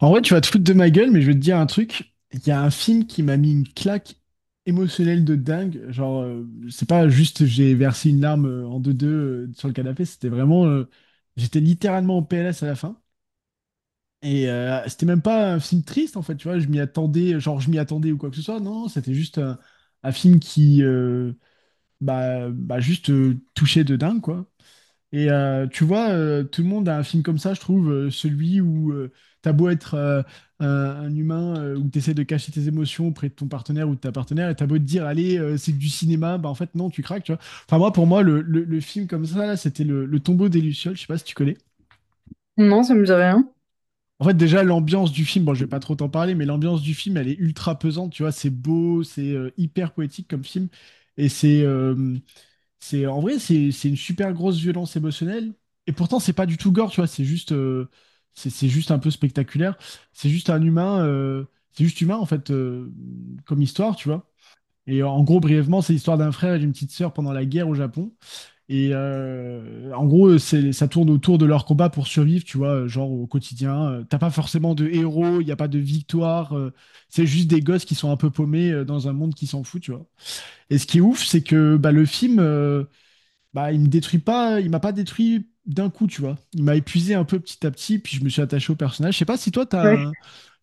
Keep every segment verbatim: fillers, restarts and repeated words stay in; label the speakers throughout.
Speaker 1: En vrai, tu vas te foutre de ma gueule, mais je vais te dire un truc. Il y a un film qui m'a mis une claque émotionnelle de dingue. Genre, euh, c'est pas juste j'ai versé une larme euh, en deux-deux euh, sur le canapé, c'était vraiment, euh, j'étais littéralement en P L S à la fin. Et euh, c'était même pas un film triste, en fait, tu vois. Je m'y attendais, genre, je m'y attendais ou quoi que ce soit. Non, c'était juste un, un film qui. euh, bah, bah, juste euh, touchait de dingue, quoi. Et euh, tu vois, euh, tout le monde a un film comme ça, je trouve, euh, celui où euh, t'as beau être euh, un, un humain, euh, où t'essaies de cacher tes émotions auprès de ton partenaire ou de ta partenaire, et t'as beau te dire, allez, euh, c'est que du cinéma, bah en fait, non, tu craques, tu vois. Enfin, moi, pour moi, le, le- le film comme ça, là, c'était le, le Tombeau des Lucioles, je sais pas si tu connais.
Speaker 2: Non, ça me dit rien.
Speaker 1: En fait, déjà, l'ambiance du film, bon, je vais pas trop t'en parler, mais l'ambiance du film, elle est ultra pesante, tu vois, c'est beau, c'est euh, hyper poétique comme film, et c'est, euh, c'est, en vrai, c'est c'est une super grosse violence émotionnelle. Et pourtant, c'est pas du tout gore, tu vois. C'est juste, euh, c'est c'est juste un peu spectaculaire. C'est juste un humain, euh, c'est juste humain en fait, euh, comme histoire, tu vois. Et en gros, brièvement, c'est l'histoire d'un frère et d'une petite sœur pendant la guerre au Japon. Et euh, en gros, c'est, ça tourne autour de leur combat pour survivre, tu vois, genre au quotidien. Euh, T'as pas forcément de héros, il n'y a pas de victoire. Euh, c'est juste des gosses qui sont un peu paumés euh, dans un monde qui s'en fout, tu vois. Et ce qui est ouf, c'est que bah, le film, euh, bah, il me détruit pas, il m'a pas détruit d'un coup, tu vois. Il m'a épuisé un peu petit à petit, puis je me suis attaché au personnage. Je sais pas si toi, t'as
Speaker 2: Ouais.
Speaker 1: un,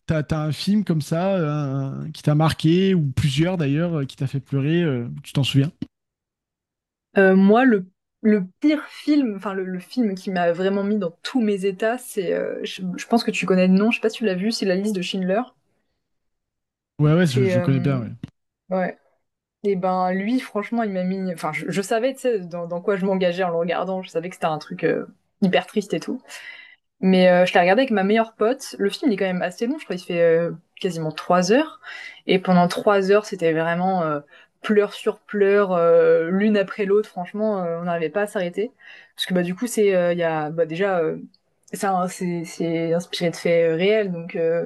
Speaker 1: t'as, t'as un film comme ça euh, un- qui t'a marqué, ou plusieurs d'ailleurs, euh, qui t'a fait pleurer, euh, tu t'en souviens?
Speaker 2: Euh, moi, le, le pire film, enfin le, le film qui m'a vraiment mis dans tous mes états, c'est, euh, je, je pense que tu connais le nom, je sais pas si tu l'as vu, c'est La liste de Schindler.
Speaker 1: Ouais, ouais, je,
Speaker 2: C'est,
Speaker 1: je
Speaker 2: euh,
Speaker 1: connais bien, ouais.
Speaker 2: ouais. Et ben lui, franchement, il m'a mis, enfin je, je savais, tu sais, dans, dans quoi je m'engageais en le regardant, je savais que c'était un truc euh, hyper triste et tout. Mais euh, je l'ai regardé avec ma meilleure pote. Le film il est quand même assez long, je crois il fait euh, quasiment trois heures. Et pendant trois heures, c'était vraiment euh, pleurs sur pleurs, euh, l'une après l'autre. Franchement, euh, on n'arrivait pas à s'arrêter. Parce que bah, du coup, c'est euh, il y a, bah, déjà, euh, c'est un- c'est c'est inspiré de faits euh, réels. Donc euh,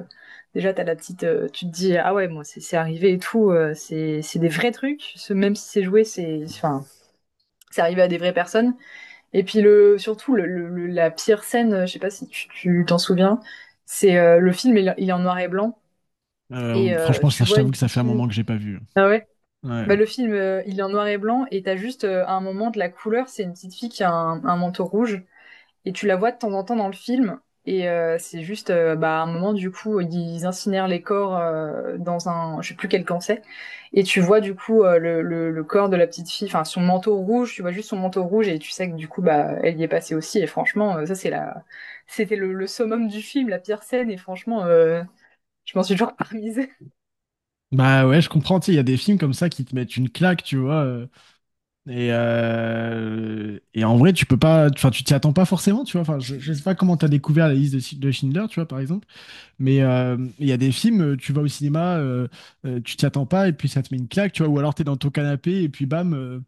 Speaker 2: déjà, t'as la petite, euh, tu te dis, ah ouais, bon, c'est c'est arrivé et tout. Euh, c'est c'est des vrais trucs. Ce- Même si c'est joué, c'est enfin, c'est arrivé à des vraies personnes. Et puis le, surtout le, le- la pire scène, je sais pas si tu tu t'en souviens, c'est euh, le film il, il est en noir et blanc et
Speaker 1: Euh,
Speaker 2: euh,
Speaker 1: franchement,
Speaker 2: tu
Speaker 1: ça, je
Speaker 2: vois une
Speaker 1: t'avoue que ça
Speaker 2: petite
Speaker 1: fait un
Speaker 2: fille.
Speaker 1: moment que j'ai pas vu, hein.
Speaker 2: Ah ouais. Bah
Speaker 1: Ouais.
Speaker 2: le film euh, il est en noir et blanc et t'as juste euh, à un moment de la couleur, c'est une petite fille qui a un, un manteau rouge et tu la vois de temps en temps dans le film. Et euh, c'est juste, euh, bah, à un moment, du coup, ils incinèrent les corps euh, dans un, je sais plus quel camp c'est. Et tu vois, du coup, euh, le, le, le corps de la petite fille, enfin, son manteau rouge, tu vois juste son manteau rouge et tu sais que, du coup, bah, elle y est passée aussi. Et franchement, euh, ça, c'est la, c'était le, le summum du film, la pire scène. Et franchement, euh, je m'en suis toujours parmisée.
Speaker 1: Bah ouais, je comprends, tu sais, il y a des films comme ça qui te mettent une claque, tu vois. euh, et, euh, et en vrai, tu peux pas, enfin, tu t'y attends pas forcément, tu vois. Enfin, je, je sais pas comment t'as découvert la liste de, de Schindler, tu vois, par exemple. Mais euh, il y a des films, euh, tu vas au cinéma, euh, euh, tu t'y attends pas et puis ça te met une claque, tu vois, ou alors t'es dans ton canapé et puis bam. euh.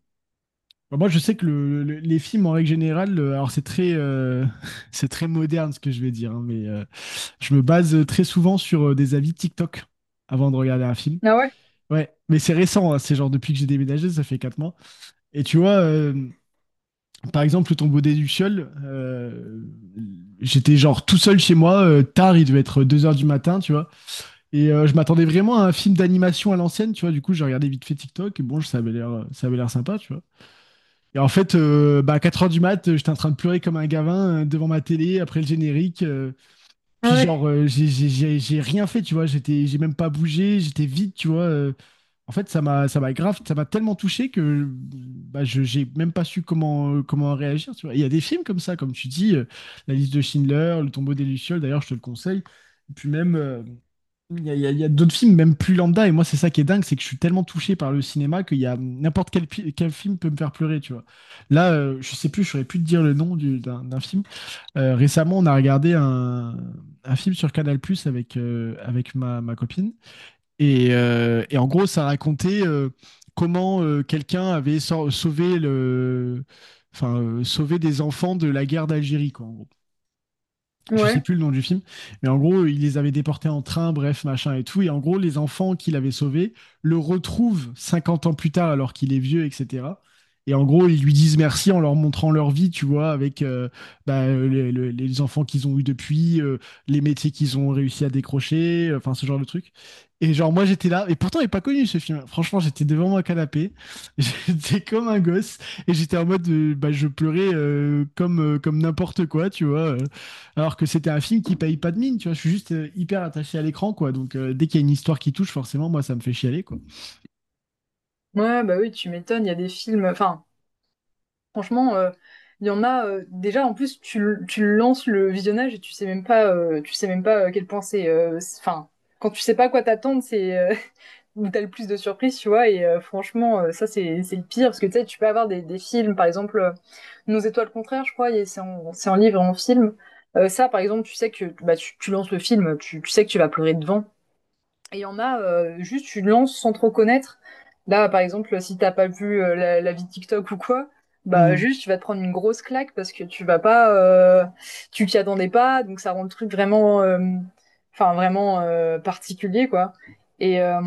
Speaker 1: Bon, moi, je sais que le- le- les films en règle générale, euh, alors c'est très, euh, c'est très moderne ce que je vais dire, hein, mais euh, je me base euh, très souvent sur euh, des avis TikTok avant de regarder un film.
Speaker 2: Ah ouais?
Speaker 1: Ouais, mais c'est récent, hein, c'est genre depuis que j'ai déménagé, ça fait quatre mois. Et tu vois, euh, par exemple, le Tombeau des Lucioles, euh, j'étais genre tout seul chez moi, euh, tard, il devait être deux heures du matin, tu vois. Et euh, je m'attendais vraiment à un film d'animation à l'ancienne, tu vois. Du coup, j'ai regardé vite fait TikTok et bon, ça avait l'air, ça avait l'air sympa, tu vois. Et en fait, euh, bah, à quatre heures du mat, euh, j'étais en train de pleurer comme un gavin euh, devant ma télé après le générique. Euh, puis
Speaker 2: Ouais.
Speaker 1: genre, euh, j'ai j'ai- j'ai- j'ai rien fait, tu vois. J'étais, j'ai même pas bougé, j'étais vide, tu vois. euh. En fait, ça m'a, ça m'a grave, ça m'a tellement touché que bah, je, j'ai même pas su comment, euh, comment réagir, tu vois. Il y a des films comme ça, comme tu dis, euh, La liste de Schindler, Le Tombeau des Lucioles, d'ailleurs, je te le conseille. Et puis même. Euh, il y a, il y a- il y a d'autres films, même plus lambda, et moi, c'est ça qui est dingue, c'est que je suis tellement touché par le cinéma qu'il y a n'importe quel, pi- quel film peut me faire pleurer, tu vois. Là, euh, je sais plus, je saurais plus te dire le nom du- d'un d'un film. Euh, récemment, on a regardé un, un film sur Canal+ avec euh, avec ma, ma copine, et, euh, et en gros, ça racontait euh, comment euh, quelqu'un avait sau- sauvé le, enfin, euh, sauvé des enfants de la guerre d'Algérie, quoi, en gros, je
Speaker 2: Ouais.
Speaker 1: sais plus le nom du film, mais en gros, il les avait déportés en train, bref, machin et tout. Et en gros, les enfants qu'il avait sauvés le retrouvent cinquante ans plus tard alors qu'il est vieux, et cetera. Et en gros, ils lui disent merci en leur montrant leur vie, tu vois, avec euh, bah, le- le- les enfants qu'ils ont eus depuis, euh, les métiers qu'ils ont réussi à décrocher, euh, enfin ce genre de truc. Et genre, moi j'étais là, et pourtant il n'est pas connu ce film. Franchement, j'étais devant mon canapé, j'étais comme un gosse, et j'étais en mode, euh, bah, je pleurais euh, comme, euh, comme n'importe quoi, tu vois. euh. Alors que c'était un film qui paye pas de mine, tu vois. Je suis juste euh, hyper attaché à l'écran, quoi. Donc euh, dès qu'il y a une histoire qui touche, forcément, moi, ça me fait chialer, quoi.
Speaker 2: Ouais, bah oui, tu m'étonnes, il y a des films, enfin, franchement, euh, il y en a euh, déjà en plus tu, l- tu lances le visionnage et tu sais même pas euh, tu sais même pas à quel point c'est euh, c'est- enfin quand tu sais pas à quoi t'attendre, c'est euh, où t'as le plus de surprises, tu vois et euh, franchement euh, ça c'est c'est le pire parce que tu sais tu peux avoir des, des films par exemple euh, Nos étoiles contraires, je crois, et c'est en c'est en livre et en film. Euh, ça par exemple, tu sais que bah tu, tu lances le film, tu, tu sais que tu vas pleurer devant et il y en a, euh, juste tu lances sans trop connaître. Là, par exemple, si t'as pas vu euh, la, la vie de TikTok ou quoi, bah
Speaker 1: Mm.
Speaker 2: juste tu vas te prendre une grosse claque parce que tu vas pas, euh, tu t'y attendais pas, donc ça rend le truc vraiment, euh, enfin vraiment euh, particulier quoi. Et, euh,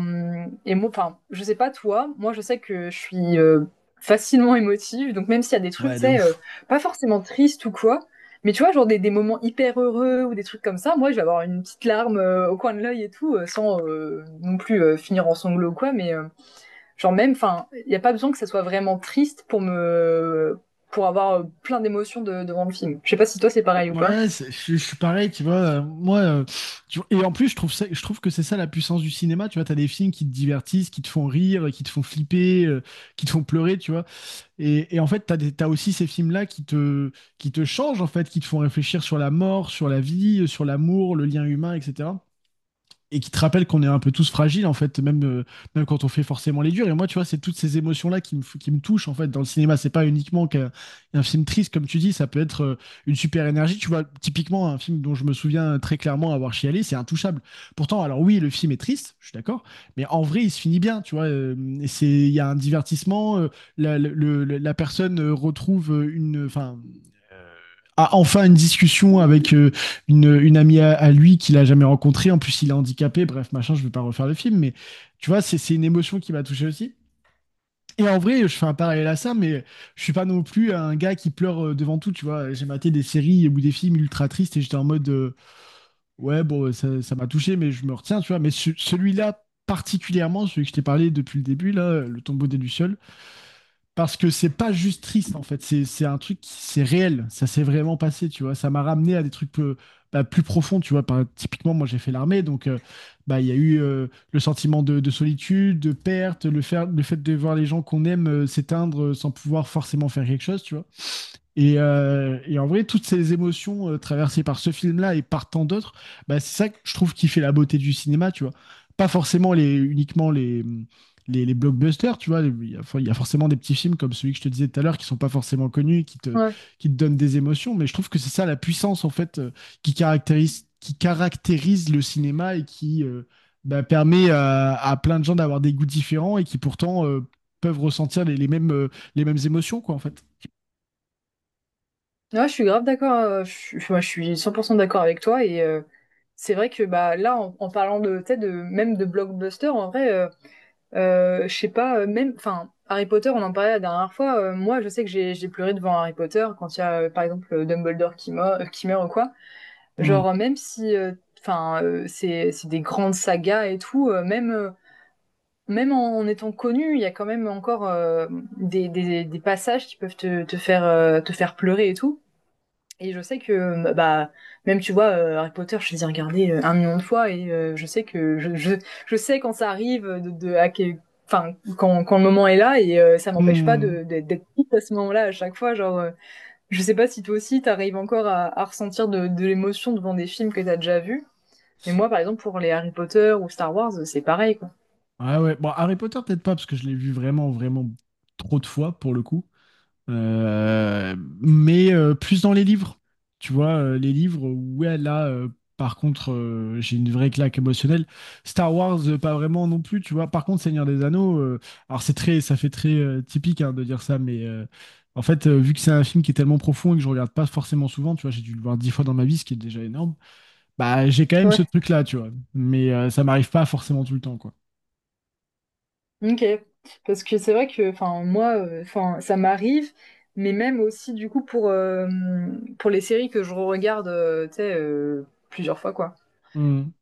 Speaker 2: et moi, enfin, je sais pas toi, moi je sais que je suis euh, facilement émotive, donc même s'il y a des trucs,
Speaker 1: Ouais,
Speaker 2: tu
Speaker 1: de
Speaker 2: sais, euh,
Speaker 1: ouf.
Speaker 2: pas forcément tristes ou quoi, mais tu vois, genre des, des moments hyper heureux ou des trucs comme ça, moi je vais avoir une petite larme euh, au coin de l'œil et tout, euh, sans euh, non plus euh, finir en sanglots ou quoi, mais euh, genre même, enfin, il n'y a pas besoin que ça soit vraiment triste pour me pour avoir euh, plein d'émotions de- devant le film. Je sais pas si toi c'est pareil ou pas.
Speaker 1: Ouais, c'est- je je suis pareil, tu vois. euh, Moi, euh, tu vois, et en plus, je trouve ça, je trouve que c'est ça la puissance du cinéma. Tu vois, t'as des films qui te divertissent, qui te font rire, qui te font flipper, euh, qui te font pleurer, tu vois. Et, et en fait, t'as des, t'as aussi ces films-là qui te, qui te, changent, en fait, qui te font réfléchir sur la mort, sur la vie, euh, sur l'amour, le lien humain, et cetera Et qui te rappelle qu'on est un peu tous fragiles, en fait, même euh, même quand on fait forcément les durs. Et moi, tu vois, c'est toutes ces émotions là qui me f- qui me touchent, en fait, dans le cinéma. C'est pas uniquement qu'un un film triste, comme tu dis, ça peut être euh, une super énergie, tu vois. Typiquement, un film dont je me souviens très clairement avoir chialé, c'est Intouchable. Pourtant, alors, oui, le film est triste, je suis d'accord, mais en vrai, il se finit bien, tu vois, euh, et c'est, il y a un divertissement, euh, la, le- le- la personne euh, retrouve, euh, une enfin a enfin une discussion avec euh, une, une amie à, à lui qu'il a jamais rencontrée. En plus, il est handicapé. Bref, machin, je ne vais pas refaire le film, mais tu vois, c'est c'est une émotion qui m'a touché aussi. Et en vrai, je fais un parallèle à ça, mais je suis pas non plus un gars qui pleure euh, devant tout, tu vois. J'ai maté des séries ou des films ultra tristes et j'étais en mode, euh, ouais, bon, euh, ça, ça m'a touché, mais je me retiens, tu vois. Mais ce- celui-là, particulièrement, celui que je t'ai parlé depuis le début, là, euh, Le Tombeau des Lucioles, parce que c'est pas juste triste, en fait, c'est c'est un truc qui, c'est réel, ça s'est vraiment passé, tu vois, ça m'a ramené à des trucs plus, bah, plus profonds, tu vois. Par, typiquement, moi j'ai fait l'armée, donc euh, bah il y a eu euh, le sentiment de, de solitude, de perte, le, faire, le fait de voir les gens qu'on aime euh, s'éteindre euh, sans pouvoir forcément faire quelque chose, tu vois. Et, euh, et en vrai, toutes ces émotions euh, traversées par ce film-là et par tant d'autres, bah, c'est ça que je trouve qui fait la beauté du cinéma, tu vois. Pas forcément les, uniquement les, les, les blockbusters, tu vois. Il y a, for- il y a forcément des petits films comme celui que je te disais tout à l'heure qui sont pas forcément connus, et qui te,
Speaker 2: Ouais.
Speaker 1: qui te donnent des émotions, mais je trouve que c'est ça la puissance, en fait, euh, qui caractérise, qui caractérise le cinéma et qui euh, bah, permet à, à plein de gens d'avoir des goûts différents et qui pourtant euh, peuvent ressentir les, les mêmes, euh, les mêmes émotions, quoi, en fait.
Speaker 2: Ouais, je suis grave d'accord, euh, je, suis- moi, je suis cent pour cent d'accord avec toi et euh, c'est vrai que bah là en, en parlant de, tu sais, de même de blockbuster en vrai euh, Euh, je sais pas, euh, même, enfin, Harry Potter, on en parlait la dernière fois. Euh, moi, je sais que j'ai j'ai pleuré devant Harry Potter quand il y a, euh, par exemple, euh, Dumbledore qui meurt, euh, qui meurt ou quoi. Genre, euh, même si, euh, enfin, euh, c'est c'est des grandes sagas et tout, euh, même euh, même en, en étant connu, il y a quand même encore euh, des, des des passages qui peuvent te te faire euh, te faire pleurer et tout. Et je sais que, euh, bah, même tu vois, euh, Harry Potter, je les ai regardés euh, un million de fois et euh, je sais que je, je, je sais quand ça arrive, de, de à quel- enfin, quand, quand le moment est là et euh, ça m'empêche pas
Speaker 1: Hmm.
Speaker 2: de, de- d'être triste à ce moment-là à chaque fois. Genre, euh, je sais pas si toi aussi t'arrives encore à, à ressentir de, de l'émotion devant des films que t'as déjà vus. Mais moi, par exemple, pour les Harry Potter ou Star Wars, c'est pareil, quoi.
Speaker 1: Ah ouais. Bon, Harry Potter, peut-être pas, parce que je l'ai vu vraiment, vraiment trop de fois pour le coup. Euh, mais euh, plus dans les livres. Tu vois, euh, les livres, ouais, là, euh, par contre, euh, j'ai une vraie claque émotionnelle. Star Wars, euh, pas vraiment non plus, tu vois. Par contre, Seigneur des Anneaux, euh, alors c'est très, ça fait très euh, typique, hein, de dire ça, mais euh, en fait, euh, vu que c'est un film qui est tellement profond et que je regarde pas forcément souvent, tu vois, j'ai dû le voir dix fois dans ma vie, ce qui est déjà énorme, bah j'ai quand même ce
Speaker 2: Ouais.
Speaker 1: truc-là, tu vois. Mais euh, ça m'arrive pas forcément tout le temps, quoi.
Speaker 2: Ok, parce que c'est vrai que, enfin, moi, euh, enfin, ça m'arrive, mais même aussi, du coup, pour, euh, pour les séries que je regarde, tu sais, euh, plusieurs fois, quoi.
Speaker 1: Hmm.